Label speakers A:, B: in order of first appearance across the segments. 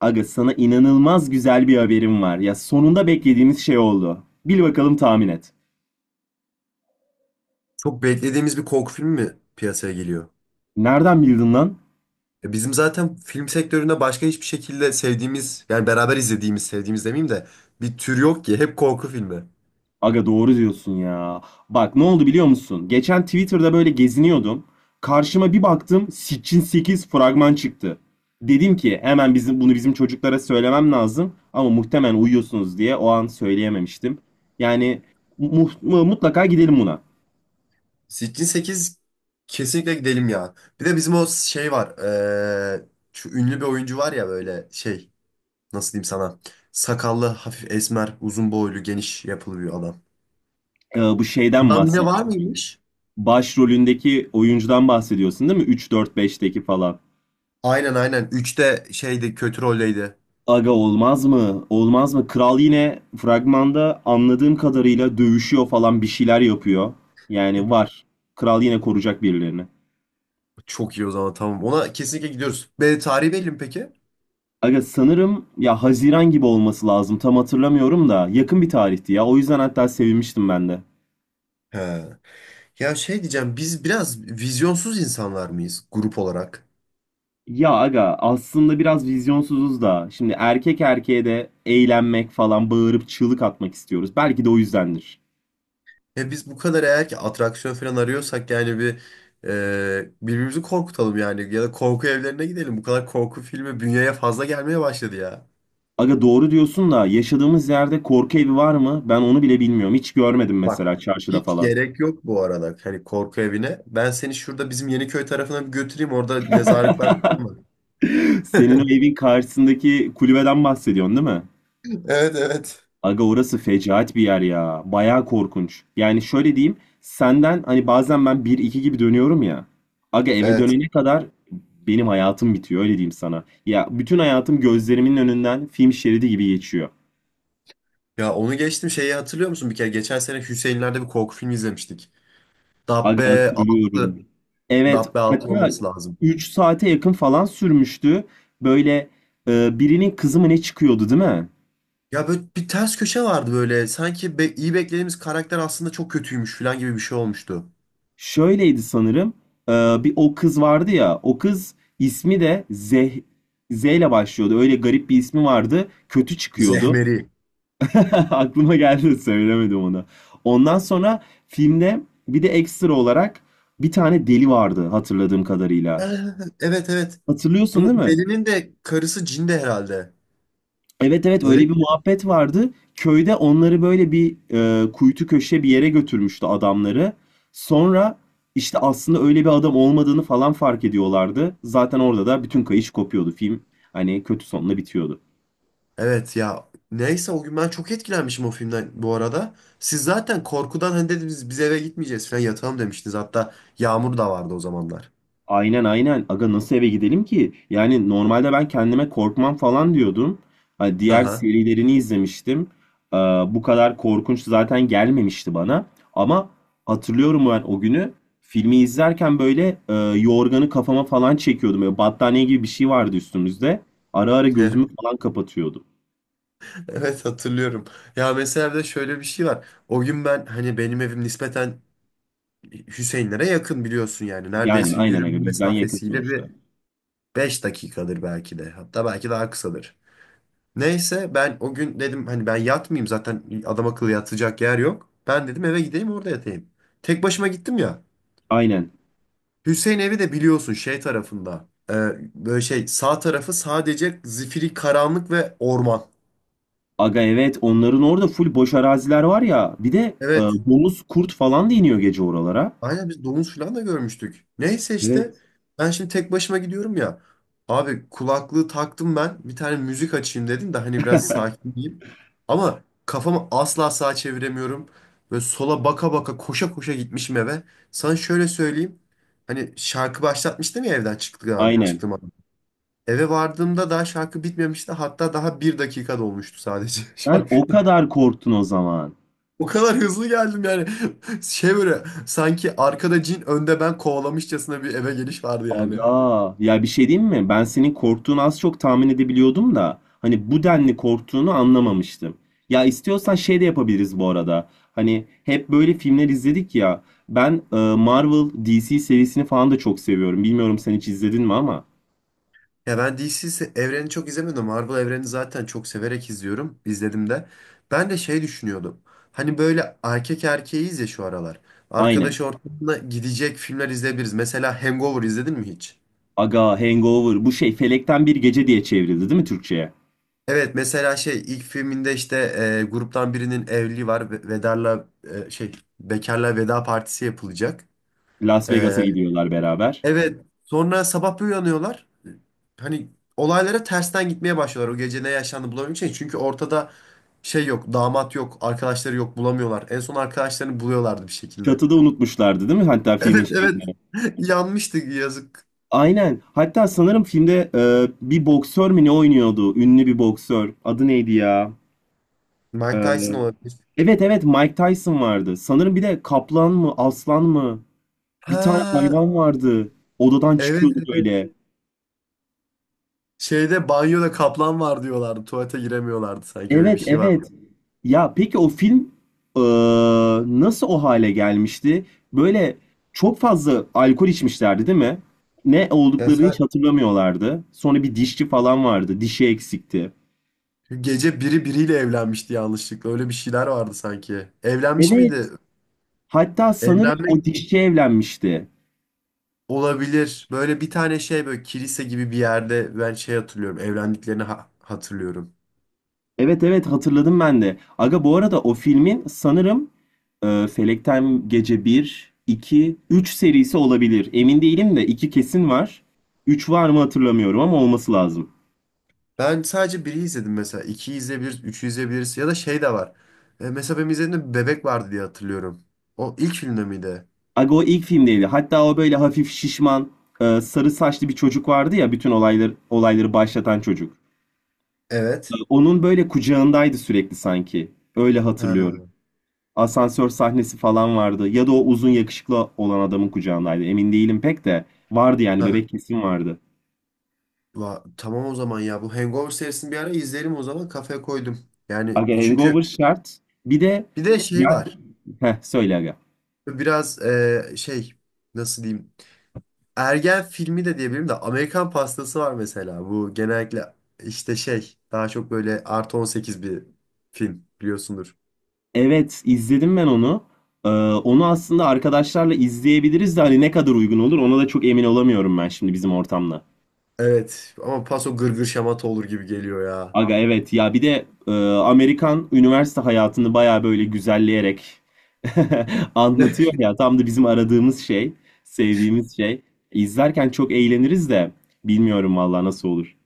A: Aga sana inanılmaz güzel bir haberim var. Ya sonunda beklediğimiz şey oldu. Bil bakalım tahmin et.
B: Çok beklediğimiz bir korku filmi mi piyasaya geliyor?
A: Nereden bildin lan?
B: E bizim zaten film sektöründe başka hiçbir şekilde sevdiğimiz, yani beraber izlediğimiz, sevdiğimiz demeyeyim de bir tür yok ki. Hep korku filmi.
A: Aga doğru diyorsun ya. Bak ne oldu biliyor musun? Geçen Twitter'da böyle geziniyordum. Karşıma bir baktım Sitchin 8 fragman çıktı. Dedim ki hemen bizim bunu bizim çocuklara söylemem lazım ama muhtemelen uyuyorsunuz diye o an söyleyememiştim. Yani mutlaka gidelim buna.
B: Sitchin 8 kesinlikle gidelim ya. Bir de bizim o şey var. e, Şu ünlü bir oyuncu var ya böyle şey, nasıl diyeyim sana? Sakallı, hafif esmer, uzun boylu, geniş yapılı bir adam.
A: Bu şeyden
B: Adam yine var
A: bahsediyorum.
B: mıymış?
A: Başrolündeki oyuncudan bahsediyorsun değil mi? Üç dört beşteki falan.
B: Aynen, aynen. Üçte şeydi, kötü roldeydi.
A: Aga olmaz mı? Olmaz mı? Kral yine fragmanda anladığım kadarıyla dövüşüyor falan bir şeyler yapıyor. Yani var. Kral yine koruyacak birilerini.
B: Çok iyi o zaman, tamam. Ona kesinlikle gidiyoruz. Be, tarihi belli mi peki?
A: Aga sanırım ya Haziran gibi olması lazım. Tam hatırlamıyorum da yakın bir tarihti ya. O yüzden hatta sevinmiştim ben de.
B: He. Ya şey diyeceğim, biz biraz vizyonsuz insanlar mıyız grup olarak?
A: Ya aga aslında biraz vizyonsuzuz da. Şimdi erkek erkeğe de eğlenmek falan bağırıp çığlık atmak istiyoruz. Belki de o yüzdendir.
B: Ya biz bu kadar eğer ki atraksiyon falan arıyorsak yani bir birbirimizi korkutalım yani, ya da korku evlerine gidelim. Bu kadar korku filmi bünyeye fazla gelmeye başladı ya.
A: Aga doğru diyorsun da yaşadığımız yerde korku evi var mı? Ben onu bile bilmiyorum. Hiç görmedim
B: Bak,
A: mesela çarşıda
B: hiç
A: falan.
B: gerek yok bu arada hani korku evine. Ben seni şurada bizim Yeniköy tarafına bir götüreyim, orada mezarlıklar falan var.
A: Senin o evin karşısındaki kulübeden bahsediyorsun değil mi?
B: Evet, evet.
A: Aga orası fecaat bir yer ya. Bayağı korkunç. Yani şöyle diyeyim. Senden hani bazen ben bir iki gibi dönüyorum ya. Aga eve
B: Evet.
A: dönene kadar benim hayatım bitiyor, öyle diyeyim sana. Ya bütün hayatım gözlerimin önünden film şeridi gibi geçiyor.
B: Ya onu geçtim, şeyi hatırlıyor musun? Bir kere geçen sene Hüseyinler'de bir korku filmi izlemiştik.
A: Aga
B: Dabbe 6.
A: hatırlıyorum. Evet,
B: Dabbe altı
A: hatta
B: olması lazım.
A: 3 saate yakın falan sürmüştü. Böyle birinin kızı mı ne çıkıyordu değil mi?
B: Ya böyle bir ters köşe vardı böyle. Sanki iyi beklediğimiz karakter aslında çok kötüymüş falan gibi bir şey olmuştu.
A: Şöyleydi sanırım. E, bir o kız vardı ya. O kız ismi de Zeh, Z ile başlıyordu. Öyle garip bir ismi vardı. Kötü çıkıyordu.
B: Zehmeri.
A: Aklıma geldi, söylemedim onu. Ondan sonra filmde bir de ekstra olarak bir tane deli vardı, hatırladığım
B: Ee,
A: kadarıyla.
B: Evet, evet.
A: Hatırlıyorsun değil
B: Bunu
A: mi?
B: Deli'nin de karısı cin de herhalde.
A: Evet, evet,
B: Öyle
A: öyle
B: mi?
A: bir muhabbet vardı. Köyde onları böyle bir kuytu köşe bir yere götürmüştü adamları. Sonra işte aslında öyle bir adam olmadığını falan fark ediyorlardı. Zaten orada da bütün kayış kopuyordu. Film hani kötü sonla bitiyordu.
B: Evet ya. Neyse o gün ben çok etkilenmişim o filmden bu arada. Siz zaten korkudan hani dediniz biz eve gitmeyeceğiz falan, yatalım demiştiniz. Hatta Yağmur da vardı o zamanlar.
A: Aynen, aynen. Aga nasıl eve gidelim ki? Yani normalde ben kendime korkmam falan diyordum. Hani diğer
B: Aha.
A: serilerini izlemiştim. Ee, bu kadar korkunç zaten gelmemişti bana. Ama hatırlıyorum ben o günü filmi izlerken böyle yorganı kafama falan çekiyordum. Böyle battaniye gibi bir şey vardı üstümüzde. Ara ara gözümü falan kapatıyordum.
B: Evet, hatırlıyorum. Ya mesela bir de şöyle bir şey var. O gün ben hani benim evim nispeten Hüseyinlere yakın, biliyorsun yani.
A: Yani
B: Neredeyse
A: aynen
B: yürüme
A: aga, bizden yakın
B: mesafesiyle
A: sonuçta.
B: bir 5 dakikadır belki de. Hatta belki daha kısadır. Neyse ben o gün dedim hani ben yatmayayım, zaten adam akıllı yatacak yer yok. Ben dedim eve gideyim, orada yatayım. Tek başıma gittim ya.
A: Aynen.
B: Hüseyin evi de biliyorsun şey tarafında. Böyle şey, sağ tarafı sadece zifiri karanlık ve orman.
A: Aga evet, onların orada full boş araziler var ya. Bir de
B: Evet.
A: domuz kurt falan da iniyor gece oralara.
B: Aynen, biz domuz falan da görmüştük. Neyse işte
A: Evet,
B: ben şimdi tek başıma gidiyorum ya. Abi kulaklığı taktım ben. Bir tane müzik açayım dedim de hani biraz sakinleyeyim. Ama kafamı asla sağa çeviremiyorum. Böyle sola baka baka koşa koşa gitmişim eve. Sana şöyle söyleyeyim. Hani şarkı başlatmıştım ya evden
A: aynen.
B: çıktığım an. Eve vardığımda daha şarkı bitmemişti. Hatta daha bir dakika dolmuştu sadece
A: Sen
B: şarkı.
A: o kadar korktun o zaman.
B: O kadar hızlı geldim yani. Şey, böyle sanki arkada cin önde ben kovalamışçasına bir eve geliş vardı yani.
A: Aga, ya bir şey diyeyim mi? Ben senin korktuğunu az çok tahmin edebiliyordum da hani bu denli korktuğunu anlamamıştım. Ya istiyorsan şey de yapabiliriz bu arada. Hani hep böyle filmler izledik ya. Ben Marvel DC serisini falan da çok seviyorum. Bilmiyorum sen hiç izledin mi ama.
B: Ya ben DC evreni çok izlemedim. Marvel evreni zaten çok severek izliyorum. İzledim de. Ben de şey düşünüyordum. Hani böyle erkek erkeğiyiz ya şu aralar. Arkadaş
A: Aynen.
B: ortamına gidecek filmler izleyebiliriz. Mesela Hangover izledin mi hiç?
A: Aga, Hangover bu şey Felekten Bir Gece diye çevrildi değil mi Türkçe'ye?
B: Evet mesela şey ilk filminde işte gruptan birinin evliliği var. Vedarla şey, bekarla veda partisi yapılacak.
A: Las Vegas'a gidiyorlar beraber.
B: Evet. Sonra sabah bir uyanıyorlar. Hani olaylara tersten gitmeye başlıyorlar, o gece ne yaşandı bulabilmek için. Çünkü ortada şey yok. Damat yok. Arkadaşları yok. Bulamıyorlar. En son arkadaşlarını buluyorlardı bir şekilde.
A: Çatıda unutmuşlardı değil mi? Hatta
B: Evet,
A: filmin
B: evet.
A: şeyini.
B: Yanmıştı yazık.
A: Aynen. Hatta sanırım filmde bir boksör mü ne oynuyordu? Ünlü bir boksör. Adı neydi ya? E,
B: Mike Tyson olabilir.
A: evet evet Mike Tyson vardı. Sanırım bir de kaplan mı aslan mı? Bir tane
B: Ha,
A: hayvan vardı. Odadan
B: evet,
A: çıkıyordu
B: evet.
A: böyle.
B: Şeyde banyoda kaplan var diyorlardı. Tuvalete giremiyorlardı, sanki öyle bir
A: Evet,
B: şey
A: evet.
B: vardı.
A: Ya peki o film e, nasıl o hale gelmişti? Böyle çok fazla alkol içmişlerdi değil mi? Ne
B: Ya
A: olduklarını hiç
B: sen-
A: hatırlamıyorlardı. Sonra bir dişçi falan vardı. Dişi eksikti.
B: gece biri biriyle evlenmişti yanlışlıkla. Öyle bir şeyler vardı sanki. Evlenmiş
A: Evet.
B: miydi?
A: Hatta sanırım o
B: Evlenmek.
A: dişçi evlenmişti.
B: Olabilir. Böyle bir tane şey, böyle kilise gibi bir yerde ben şey hatırlıyorum. Evlendiklerini hatırlıyorum.
A: Evet, evet, hatırladım ben de. Aga bu arada o filmin sanırım Felekten Gece bir, 2, 3 serisi olabilir. Emin değilim de 2 kesin var. 3 var mı hatırlamıyorum ama olması lazım.
B: Ben sadece biri izledim mesela. İkiyi izleyebiliriz, üçü izleyebiliriz. Ya da şey de var. Mesela benim izlediğimde bir bebek vardı diye hatırlıyorum. O ilk filmde miydi?
A: Aga o ilk filmdeydi. Hatta o böyle hafif şişman, sarı saçlı bir çocuk vardı ya, bütün olayları başlatan çocuk.
B: Evet.
A: Onun böyle kucağındaydı sürekli sanki. Öyle hatırlıyorum.
B: Ha.
A: Asansör sahnesi falan vardı. Ya da o uzun yakışıklı olan adamın kucağındaydı. Emin değilim pek de. Vardı yani, bebek
B: Ha.
A: kesin vardı.
B: Tamam o zaman ya. Bu Hangover serisini bir ara izleyelim o zaman. Kafaya koydum. Yani
A: Aga
B: çünkü
A: Hangover şart. Bir de
B: bir de şey
A: ya
B: var.
A: söyle aga.
B: Biraz şey, nasıl diyeyim. Ergen filmi de diyebilirim de Amerikan Pastası var mesela. Bu genellikle işte şey daha çok böyle artı 18 bir film biliyorsundur.
A: Evet, izledim ben onu. Onu aslında arkadaşlarla izleyebiliriz de hani ne kadar uygun olur ona da çok emin olamıyorum ben şimdi bizim ortamda.
B: Evet ama paso gırgır şamata olur gibi geliyor ya.
A: Aga evet ya, bir de Amerikan üniversite hayatını baya böyle güzelleyerek anlatıyor ya, tam da bizim aradığımız şey, sevdiğimiz şey. İzlerken çok eğleniriz de bilmiyorum vallahi nasıl olur.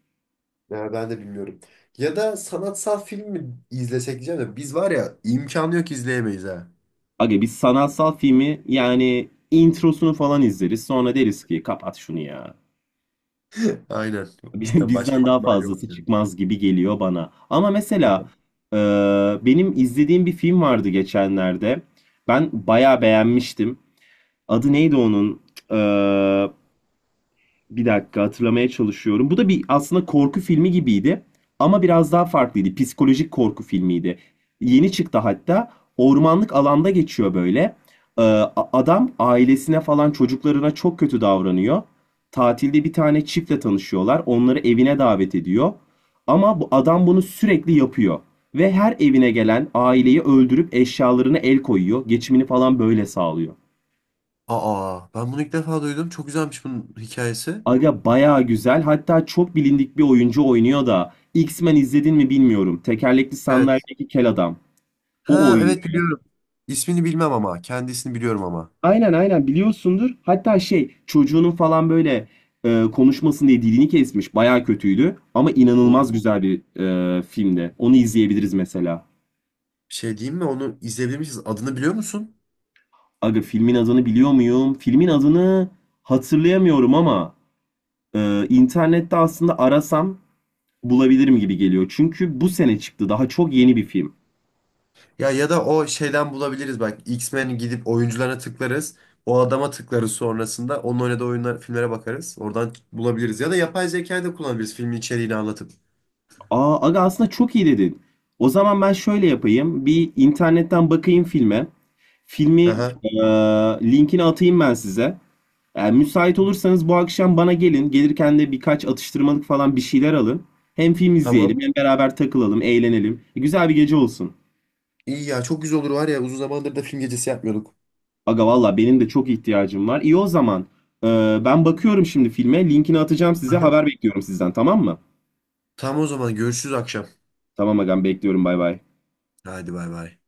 B: Ya ben de bilmiyorum. Ya da sanatsal film mi izlesek diyeceğim de biz, var ya, imkanı yok izleyemeyiz ha.
A: Aga biz sanatsal filmi yani introsunu falan izleriz, sonra deriz ki kapat şunu ya.
B: Aynen. Cidden başka
A: Bizden daha
B: ihtimal yok
A: fazlası
B: yani.
A: çıkmaz gibi geliyor bana. Ama
B: Şaka.
A: mesela e, benim izlediğim bir film vardı geçenlerde. Ben bayağı beğenmiştim. Adı neydi onun? Ee, bir dakika, hatırlamaya çalışıyorum. Bu da bir aslında korku filmi gibiydi. Ama biraz daha farklıydı. Psikolojik korku filmiydi. Yeni çıktı hatta. Ormanlık alanda geçiyor böyle. Adam ailesine falan çocuklarına çok kötü davranıyor. Tatilde bir tane çiftle tanışıyorlar. Onları evine davet ediyor. Ama bu adam bunu sürekli yapıyor. Ve her evine gelen aileyi öldürüp eşyalarına el koyuyor. Geçimini falan böyle sağlıyor.
B: Aa, ben bunu ilk defa duydum. Çok güzelmiş bunun hikayesi.
A: Aga bayağı güzel. Hatta çok bilindik bir oyuncu oynuyor da. X-Men izledin mi bilmiyorum. Tekerlekli
B: Evet.
A: sandalyedeki kel adam. O
B: Ha, evet
A: oynuyor.
B: biliyorum. İsmini bilmem ama kendisini biliyorum ama.
A: Aynen, aynen biliyorsundur. Hatta şey çocuğunun falan böyle konuşmasın diye dilini kesmiş. Bayağı kötüydü. Ama inanılmaz
B: Oo.
A: güzel bir filmdi. Onu izleyebiliriz mesela.
B: Şey diyeyim mi, onu izleyebilmişiz. Adını biliyor musun?
A: Aga filmin adını biliyor muyum? Filmin adını hatırlayamıyorum ama internette aslında arasam bulabilirim gibi geliyor. Çünkü bu sene çıktı. Daha çok yeni bir film.
B: Ya, ya da o şeyden bulabiliriz bak. X-Men gidip oyuncularına tıklarız. O adama tıklarız sonrasında. Onun oynadığı oyunlar, filmlere bakarız. Oradan bulabiliriz. Ya da yapay zekayı da kullanabiliriz filmin içeriğini anlatıp.
A: Aa, aga aslında çok iyi dedin. O zaman ben şöyle yapayım. Bir internetten bakayım filme. Filmi
B: Aha,
A: eee, linkini atayım ben size. Yani müsait olursanız bu akşam bana gelin. Gelirken de birkaç atıştırmalık falan bir şeyler alın. Hem film izleyelim
B: tamam.
A: hem beraber takılalım, eğlenelim. Güzel bir gece olsun.
B: İyi ya, çok güzel olur var ya, uzun zamandır da film gecesi yapmıyorduk.
A: Aga valla benim de çok ihtiyacım var. İyi o zaman. Ben bakıyorum şimdi filme. Linkini atacağım size.
B: Aha.
A: Haber bekliyorum sizden, tamam mı?
B: Tamam o zaman, görüşürüz akşam.
A: Tamam agam, bekliyorum, bay bay.
B: Hadi, bay bay.